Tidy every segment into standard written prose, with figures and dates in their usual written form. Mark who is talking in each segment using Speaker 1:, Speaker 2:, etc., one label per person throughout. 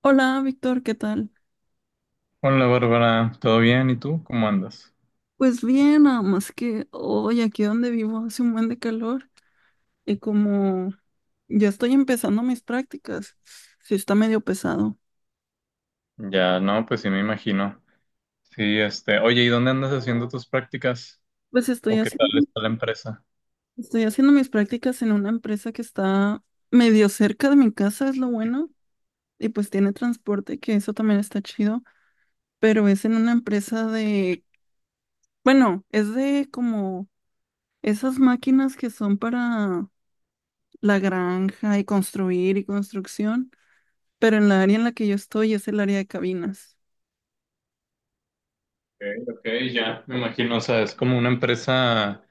Speaker 1: Hola, Víctor, ¿qué tal?
Speaker 2: Hola Bárbara, ¿todo bien? ¿Y tú? ¿Cómo andas?
Speaker 1: Pues bien, nada más que hoy aquí donde vivo hace un buen de calor y como ya estoy empezando mis prácticas, sí está medio pesado.
Speaker 2: Ya, no, pues sí me imagino. Sí, oye, ¿y dónde andas haciendo tus prácticas?
Speaker 1: Pues
Speaker 2: ¿O qué tal está la empresa?
Speaker 1: estoy haciendo mis prácticas en una empresa que está medio cerca de mi casa, es lo bueno, y pues tiene transporte, que eso también está chido, pero es en una empresa de, bueno, es de como esas máquinas que son para la granja y construir y construcción. Pero en la área en la que yo estoy es el área de cabinas.
Speaker 2: Ok, ok, ya, me imagino, o sea, es como una empresa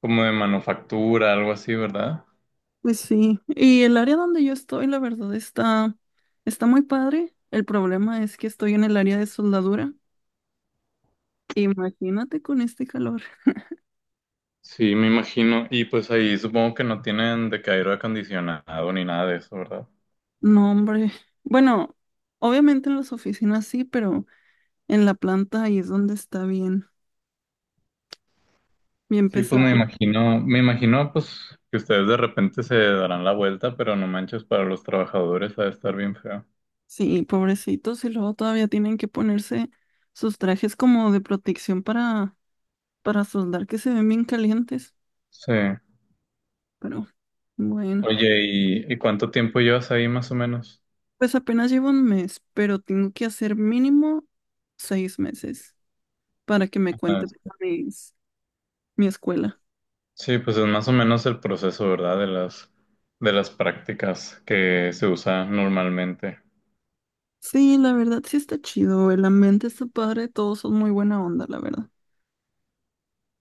Speaker 2: como de manufactura, algo así, ¿verdad?
Speaker 1: Pues sí. Y el área donde yo estoy, la verdad, está muy padre. El problema es que estoy en el área de soldadura. Imagínate con este calor.
Speaker 2: Sí, me imagino. Y pues ahí supongo que no tienen de que aire acondicionado ni nada de eso, ¿verdad?
Speaker 1: No, hombre. Bueno, obviamente en las oficinas sí, pero en la planta ahí es donde está bien, bien
Speaker 2: Sí, pues
Speaker 1: pesado.
Speaker 2: me imagino pues que ustedes de repente se darán la vuelta, pero no manches, para los trabajadores ha de estar bien feo.
Speaker 1: Sí, pobrecitos. Y luego todavía tienen que ponerse sus trajes como de protección para soldar que se ven bien calientes.
Speaker 2: Sí.
Speaker 1: Pero bueno.
Speaker 2: Oye, ¿y cuánto tiempo llevas ahí más o menos?
Speaker 1: Pues apenas llevo un mes, pero tengo que hacer mínimo 6 meses para que me
Speaker 2: Ah,
Speaker 1: cuente mis- mi escuela.
Speaker 2: sí, pues es más o menos el proceso, ¿verdad? De las prácticas que se usa normalmente.
Speaker 1: Sí, la verdad sí está chido, el ambiente está padre, todos son muy buena onda, la verdad.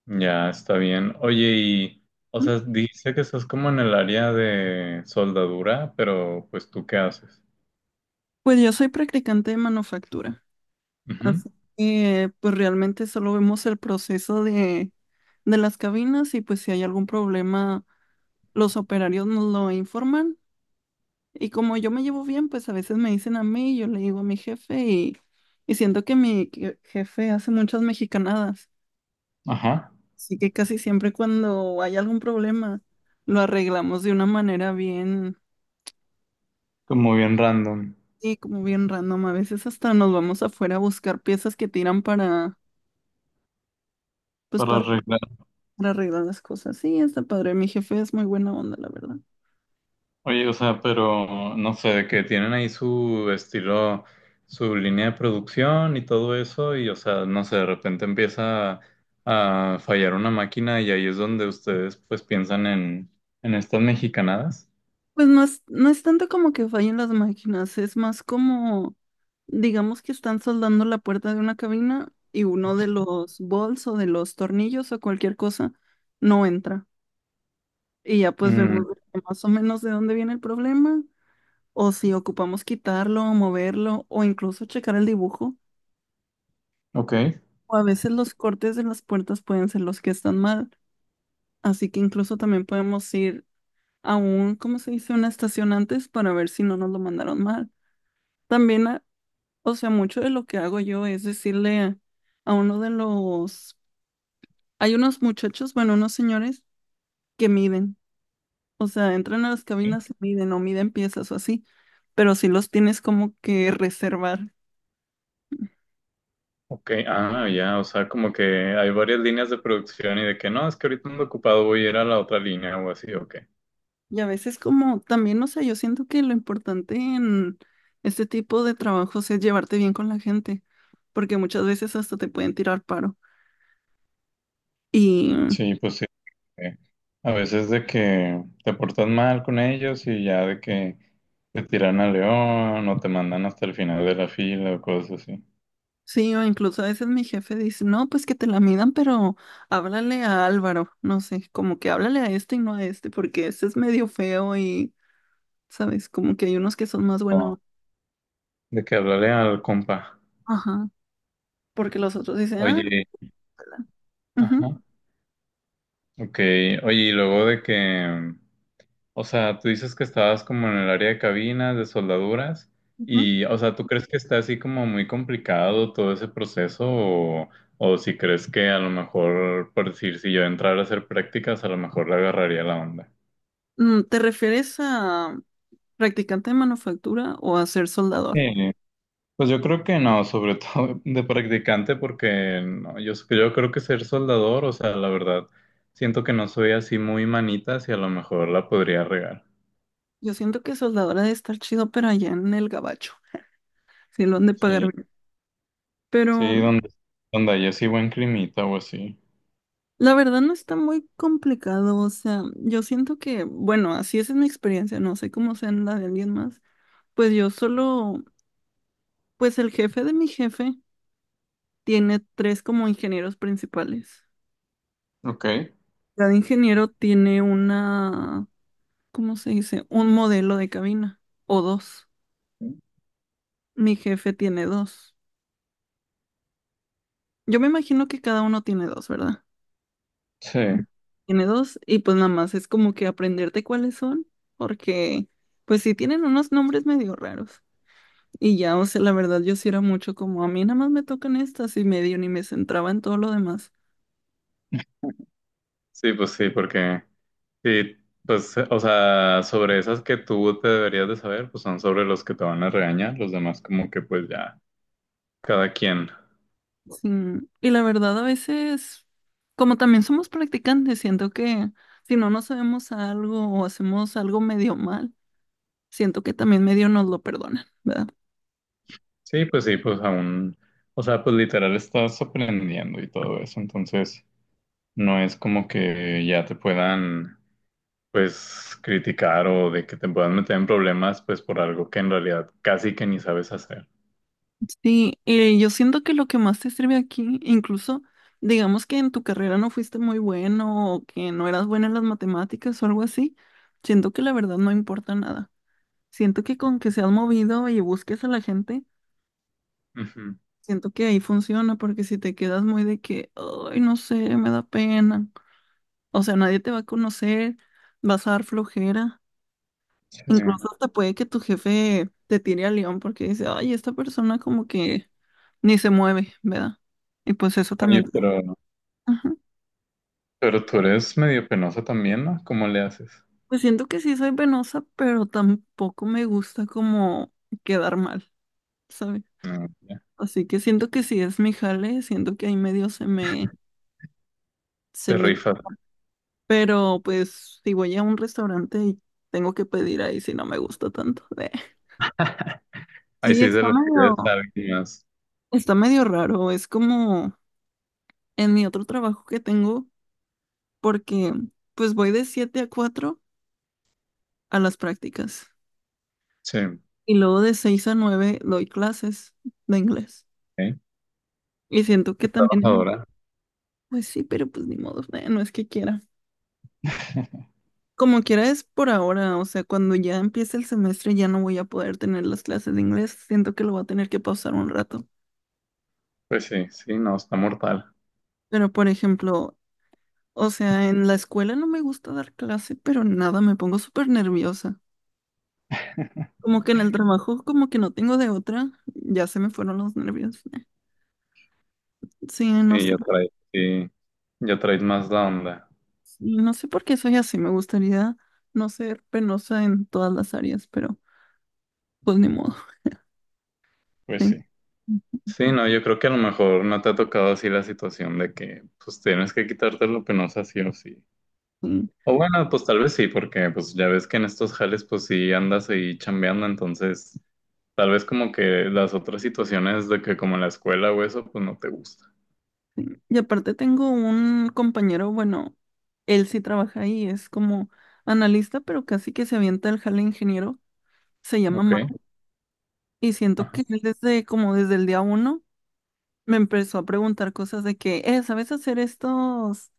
Speaker 2: Ya está bien. Oye, y, o
Speaker 1: Ujú.
Speaker 2: sea, dice que estás como en el área de soldadura, ¿pero pues tú qué haces?
Speaker 1: Pues yo soy practicante de manufactura,
Speaker 2: Ujú.
Speaker 1: así que pues realmente solo vemos el proceso de las cabinas y pues si hay algún problema, los operarios nos lo informan. Y como yo me llevo bien, pues a veces me dicen a mí, yo le digo a mi jefe y siento que mi jefe hace muchas mexicanadas.
Speaker 2: Ajá,
Speaker 1: Así que casi siempre cuando hay algún problema, lo arreglamos de una manera bien,
Speaker 2: como bien random.
Speaker 1: y como bien random. A veces hasta nos vamos afuera a buscar piezas que tiran pues
Speaker 2: Para
Speaker 1: para,
Speaker 2: arreglar.
Speaker 1: para arreglar las cosas. Sí, está padre. Mi jefe es muy buena onda, la verdad.
Speaker 2: Oye, o sea, pero no sé, de que tienen ahí su estilo, su línea de producción y todo eso, y o sea, no sé, de repente empieza a fallar una máquina y ahí es donde ustedes pues piensan en estas mexicanadas.
Speaker 1: Pues no es tanto como que fallen las máquinas, es más como, digamos que están soldando la puerta de una cabina y uno de los bolts o de los tornillos o cualquier cosa no entra. Y ya pues vemos
Speaker 2: Mm,
Speaker 1: más o menos de dónde viene el problema, o si ocupamos quitarlo, moverlo, o incluso checar el dibujo.
Speaker 2: ok.
Speaker 1: O a veces los cortes de las puertas pueden ser los que están mal, así que incluso también podemos ir a un, ¿cómo se dice? Una estación antes para ver si no nos lo mandaron mal. También o sea, mucho de lo que hago yo es decirle a uno de los... Hay unos muchachos, bueno, unos señores que miden. O sea, entran a las
Speaker 2: Sí.
Speaker 1: cabinas y miden o miden piezas o así, pero sí los tienes como que reservar.
Speaker 2: Ok, ah, ya, o sea, como que hay varias líneas de producción y de que no, es que ahorita ando ocupado, voy a ir a la otra línea o así, ok.
Speaker 1: Y a veces como también, o sea, yo siento que lo importante en este tipo de trabajos es llevarte bien con la gente, porque muchas veces hasta te pueden tirar paro.
Speaker 2: Sí, pues sí. eh, A veces de que te portas mal con ellos y ya de que te tiran al león o te mandan hasta el final de la fila o cosas así.
Speaker 1: Sí, o incluso a veces mi jefe dice, no, pues que te la midan, pero háblale a Álvaro, no sé, como que háblale a este y no a este, porque este es medio feo y, ¿sabes? Como que hay unos que son más
Speaker 2: No,
Speaker 1: buenos.
Speaker 2: de que hablarle al compa.
Speaker 1: Ajá. Porque los otros dicen, ah,
Speaker 2: Oye, ajá.
Speaker 1: ujú,
Speaker 2: Ok, oye, y luego de que, o sea, tú dices que estabas como en el área de cabinas, de soldaduras,
Speaker 1: ujú.
Speaker 2: y, o sea, ¿tú crees que está así como muy complicado todo ese proceso? O si crees que a lo mejor, por decir, si yo entrara a hacer prácticas, a lo mejor le agarraría la onda.
Speaker 1: Mm, ¿te refieres a practicante de manufactura o a ser soldador?
Speaker 2: Sí, pues yo creo que no, sobre todo de practicante, porque no, yo creo que ser soldador, o sea, la verdad, siento que no soy así muy manitas y a lo mejor la podría regar.
Speaker 1: Yo siento que soldador ha de estar chido, pero allá en el gabacho, si lo han de pagar
Speaker 2: Sí,
Speaker 1: bien. Pero
Speaker 2: sí, donde haya así buen climita o así.
Speaker 1: la verdad no está muy complicado, o sea, yo siento que, bueno, así es en mi experiencia, no sé cómo sea en la de alguien más, pues yo solo, pues el jefe de mi jefe tiene tres como ingenieros principales.
Speaker 2: Ok.
Speaker 1: Cada ingeniero tiene una, ¿cómo se dice? Un modelo de cabina o dos. Mi jefe tiene dos. Yo me imagino que cada uno tiene dos, ¿verdad?
Speaker 2: Sí,
Speaker 1: Tiene dos y pues nada más es como que aprenderte cuáles son, porque pues sí tienen unos nombres medio raros. Y ya, o sea, la verdad yo sí era mucho como a mí nada más me tocan estas y medio ni me centraba en todo lo demás.
Speaker 2: sí, pues sí, porque, sí, pues, o sea, sobre esas que tú te deberías de saber, pues son sobre los que te van a regañar, los demás como que pues ya, cada quien.
Speaker 1: Sí. Y la verdad a veces, como también somos practicantes, siento que si no nos sabemos algo o hacemos algo medio mal, siento que también medio nos lo perdonan, ¿verdad?
Speaker 2: Sí, pues aún, o sea, pues literal estás aprendiendo y todo eso, entonces no es como que ya te puedan, pues, criticar o de que te puedan meter en problemas, pues, por algo que en realidad casi que ni sabes hacer.
Speaker 1: Sí, y yo siento que lo que más te sirve aquí, incluso digamos que en tu carrera no fuiste muy bueno o que no eras buena en las matemáticas o algo así, siento que la verdad no importa nada. Siento que con que seas movido y busques a la gente,
Speaker 2: Ujú.
Speaker 1: siento que ahí funciona, porque si te quedas muy de que, ay, no sé, me da pena. O sea, nadie te va a conocer, vas a dar flojera.
Speaker 2: Sí.
Speaker 1: Incluso hasta puede que tu jefe te tire al león porque dice, ay, esta persona como que ni se mueve, ¿verdad? Y pues eso
Speaker 2: Oye,
Speaker 1: también. Ajá.
Speaker 2: pero tú eres medio penosa también, ¿no? ¿Cómo le haces?
Speaker 1: Pues siento que sí soy penosa, pero tampoco me gusta como quedar mal, ¿sabes?
Speaker 2: Ah, ya.
Speaker 1: Así que siento que sí es mi jale, siento que ahí medio se me, se
Speaker 2: Te
Speaker 1: me.
Speaker 2: rifas.
Speaker 1: Pero pues si voy a un restaurante y tengo que pedir ahí si no me gusta tanto. Eh.
Speaker 2: Ahí
Speaker 1: Sí,
Speaker 2: sí se lo pides a alguien más.
Speaker 1: está medio raro. Es como en mi otro trabajo que tengo, porque pues voy de 7 a 4 a las prácticas
Speaker 2: Sí, ok.
Speaker 1: y luego de 6 a 9 doy clases de inglés.
Speaker 2: Qué
Speaker 1: Y siento que también,
Speaker 2: trabajadora.
Speaker 1: pues sí, pero pues ni modo, no es que quiera. Como quiera es por ahora, o sea, cuando ya empiece el semestre ya no voy a poder tener las clases de inglés, siento que lo voy a tener que pausar un rato.
Speaker 2: Pues sí, sí, no, está mortal.
Speaker 1: Pero, por ejemplo, o sea, en la escuela no me gusta dar clase, pero nada, me pongo súper nerviosa. Como que en el trabajo, como que no tengo de otra, ya se me fueron los nervios. Sí, no sé.
Speaker 2: Sí, ya traes más la onda.
Speaker 1: Sí, no sé por qué soy así. Me gustaría no ser penosa en todas las áreas, pero pues ni modo.
Speaker 2: Pues
Speaker 1: Sí,
Speaker 2: sí. Sí, no, yo creo que a lo mejor no te ha tocado así la situación de que pues tienes que quitarte lo penosa sí o sí.
Speaker 1: sí.
Speaker 2: O bueno, pues tal vez sí, porque pues ya ves que en estos jales pues sí andas ahí chambeando, entonces tal vez como que las otras situaciones de que como en la escuela o eso pues no te gusta.
Speaker 1: Y aparte tengo un compañero, bueno, él sí trabaja ahí, es como analista, pero casi que se avienta el jale ingeniero. Se llama Mario.
Speaker 2: Ok.
Speaker 1: Y siento
Speaker 2: Ajá.
Speaker 1: que él desde, como desde el día uno, me empezó a preguntar cosas de que, ¿sabes hacer estos,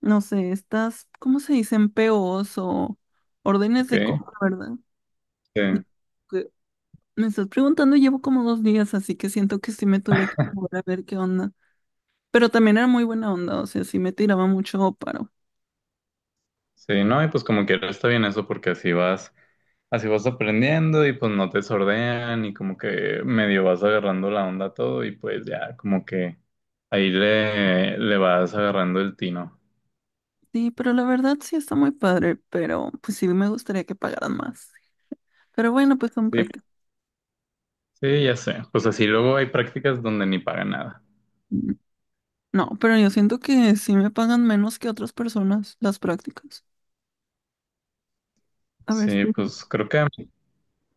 Speaker 1: no sé, estas, ¿cómo se dicen? POs o órdenes de
Speaker 2: Okay,
Speaker 1: compra, ¿verdad?
Speaker 2: sí,
Speaker 1: Que me estás preguntando, llevo como 2 días, así que siento que sí me tuve que mover a ver qué onda. Pero también era muy buena onda, o sea, sí me tiraba mucho paro.
Speaker 2: sí, no, y pues como quiera está bien eso porque así vas aprendiendo y pues no te sordean y como que medio vas agarrando la onda a todo y pues ya como que le vas agarrando el tino.
Speaker 1: Sí, pero la verdad sí está muy padre, pero pues sí me gustaría que pagaran más. Pero bueno, pues son
Speaker 2: Sí,
Speaker 1: prácticas.
Speaker 2: sí, ya sé, pues así luego hay prácticas donde ni pagan nada.
Speaker 1: No, pero yo siento que sí me pagan menos que otras personas las prácticas. A ver
Speaker 2: Sí,
Speaker 1: si.
Speaker 2: pues creo que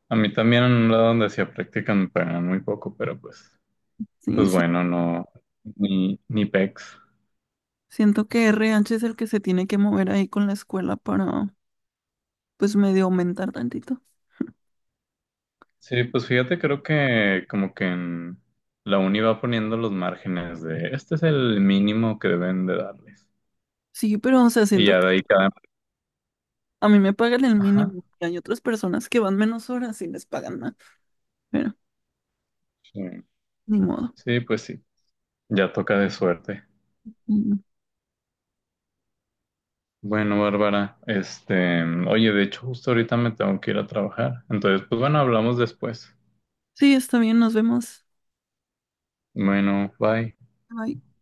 Speaker 2: a mí también en un lado donde hacía práctica me pagaban muy poco, pero pues,
Speaker 1: Sí,
Speaker 2: pues
Speaker 1: sí.
Speaker 2: bueno, no, ni pex.
Speaker 1: Siento que R. RH es el que se tiene que mover ahí con la escuela para, pues, medio aumentar tantito.
Speaker 2: Sí, pues fíjate, creo que como que en la uni va poniendo los márgenes de este es el mínimo que deben de darles.
Speaker 1: Sí, pero, o sea,
Speaker 2: Y
Speaker 1: siento
Speaker 2: ya
Speaker 1: que
Speaker 2: de ahí cada...
Speaker 1: a mí me pagan el
Speaker 2: Ajá.
Speaker 1: mínimo y hay otras personas que van menos horas y les pagan más. Pero,
Speaker 2: Sí.
Speaker 1: ni modo.
Speaker 2: Sí, pues sí, ya toca de suerte.
Speaker 1: Mm.
Speaker 2: Bueno, Bárbara, oye, de hecho justo ahorita me tengo que ir a trabajar. Entonces, pues bueno, hablamos después.
Speaker 1: Sí, está bien, nos vemos.
Speaker 2: Bueno, bye.
Speaker 1: Bye.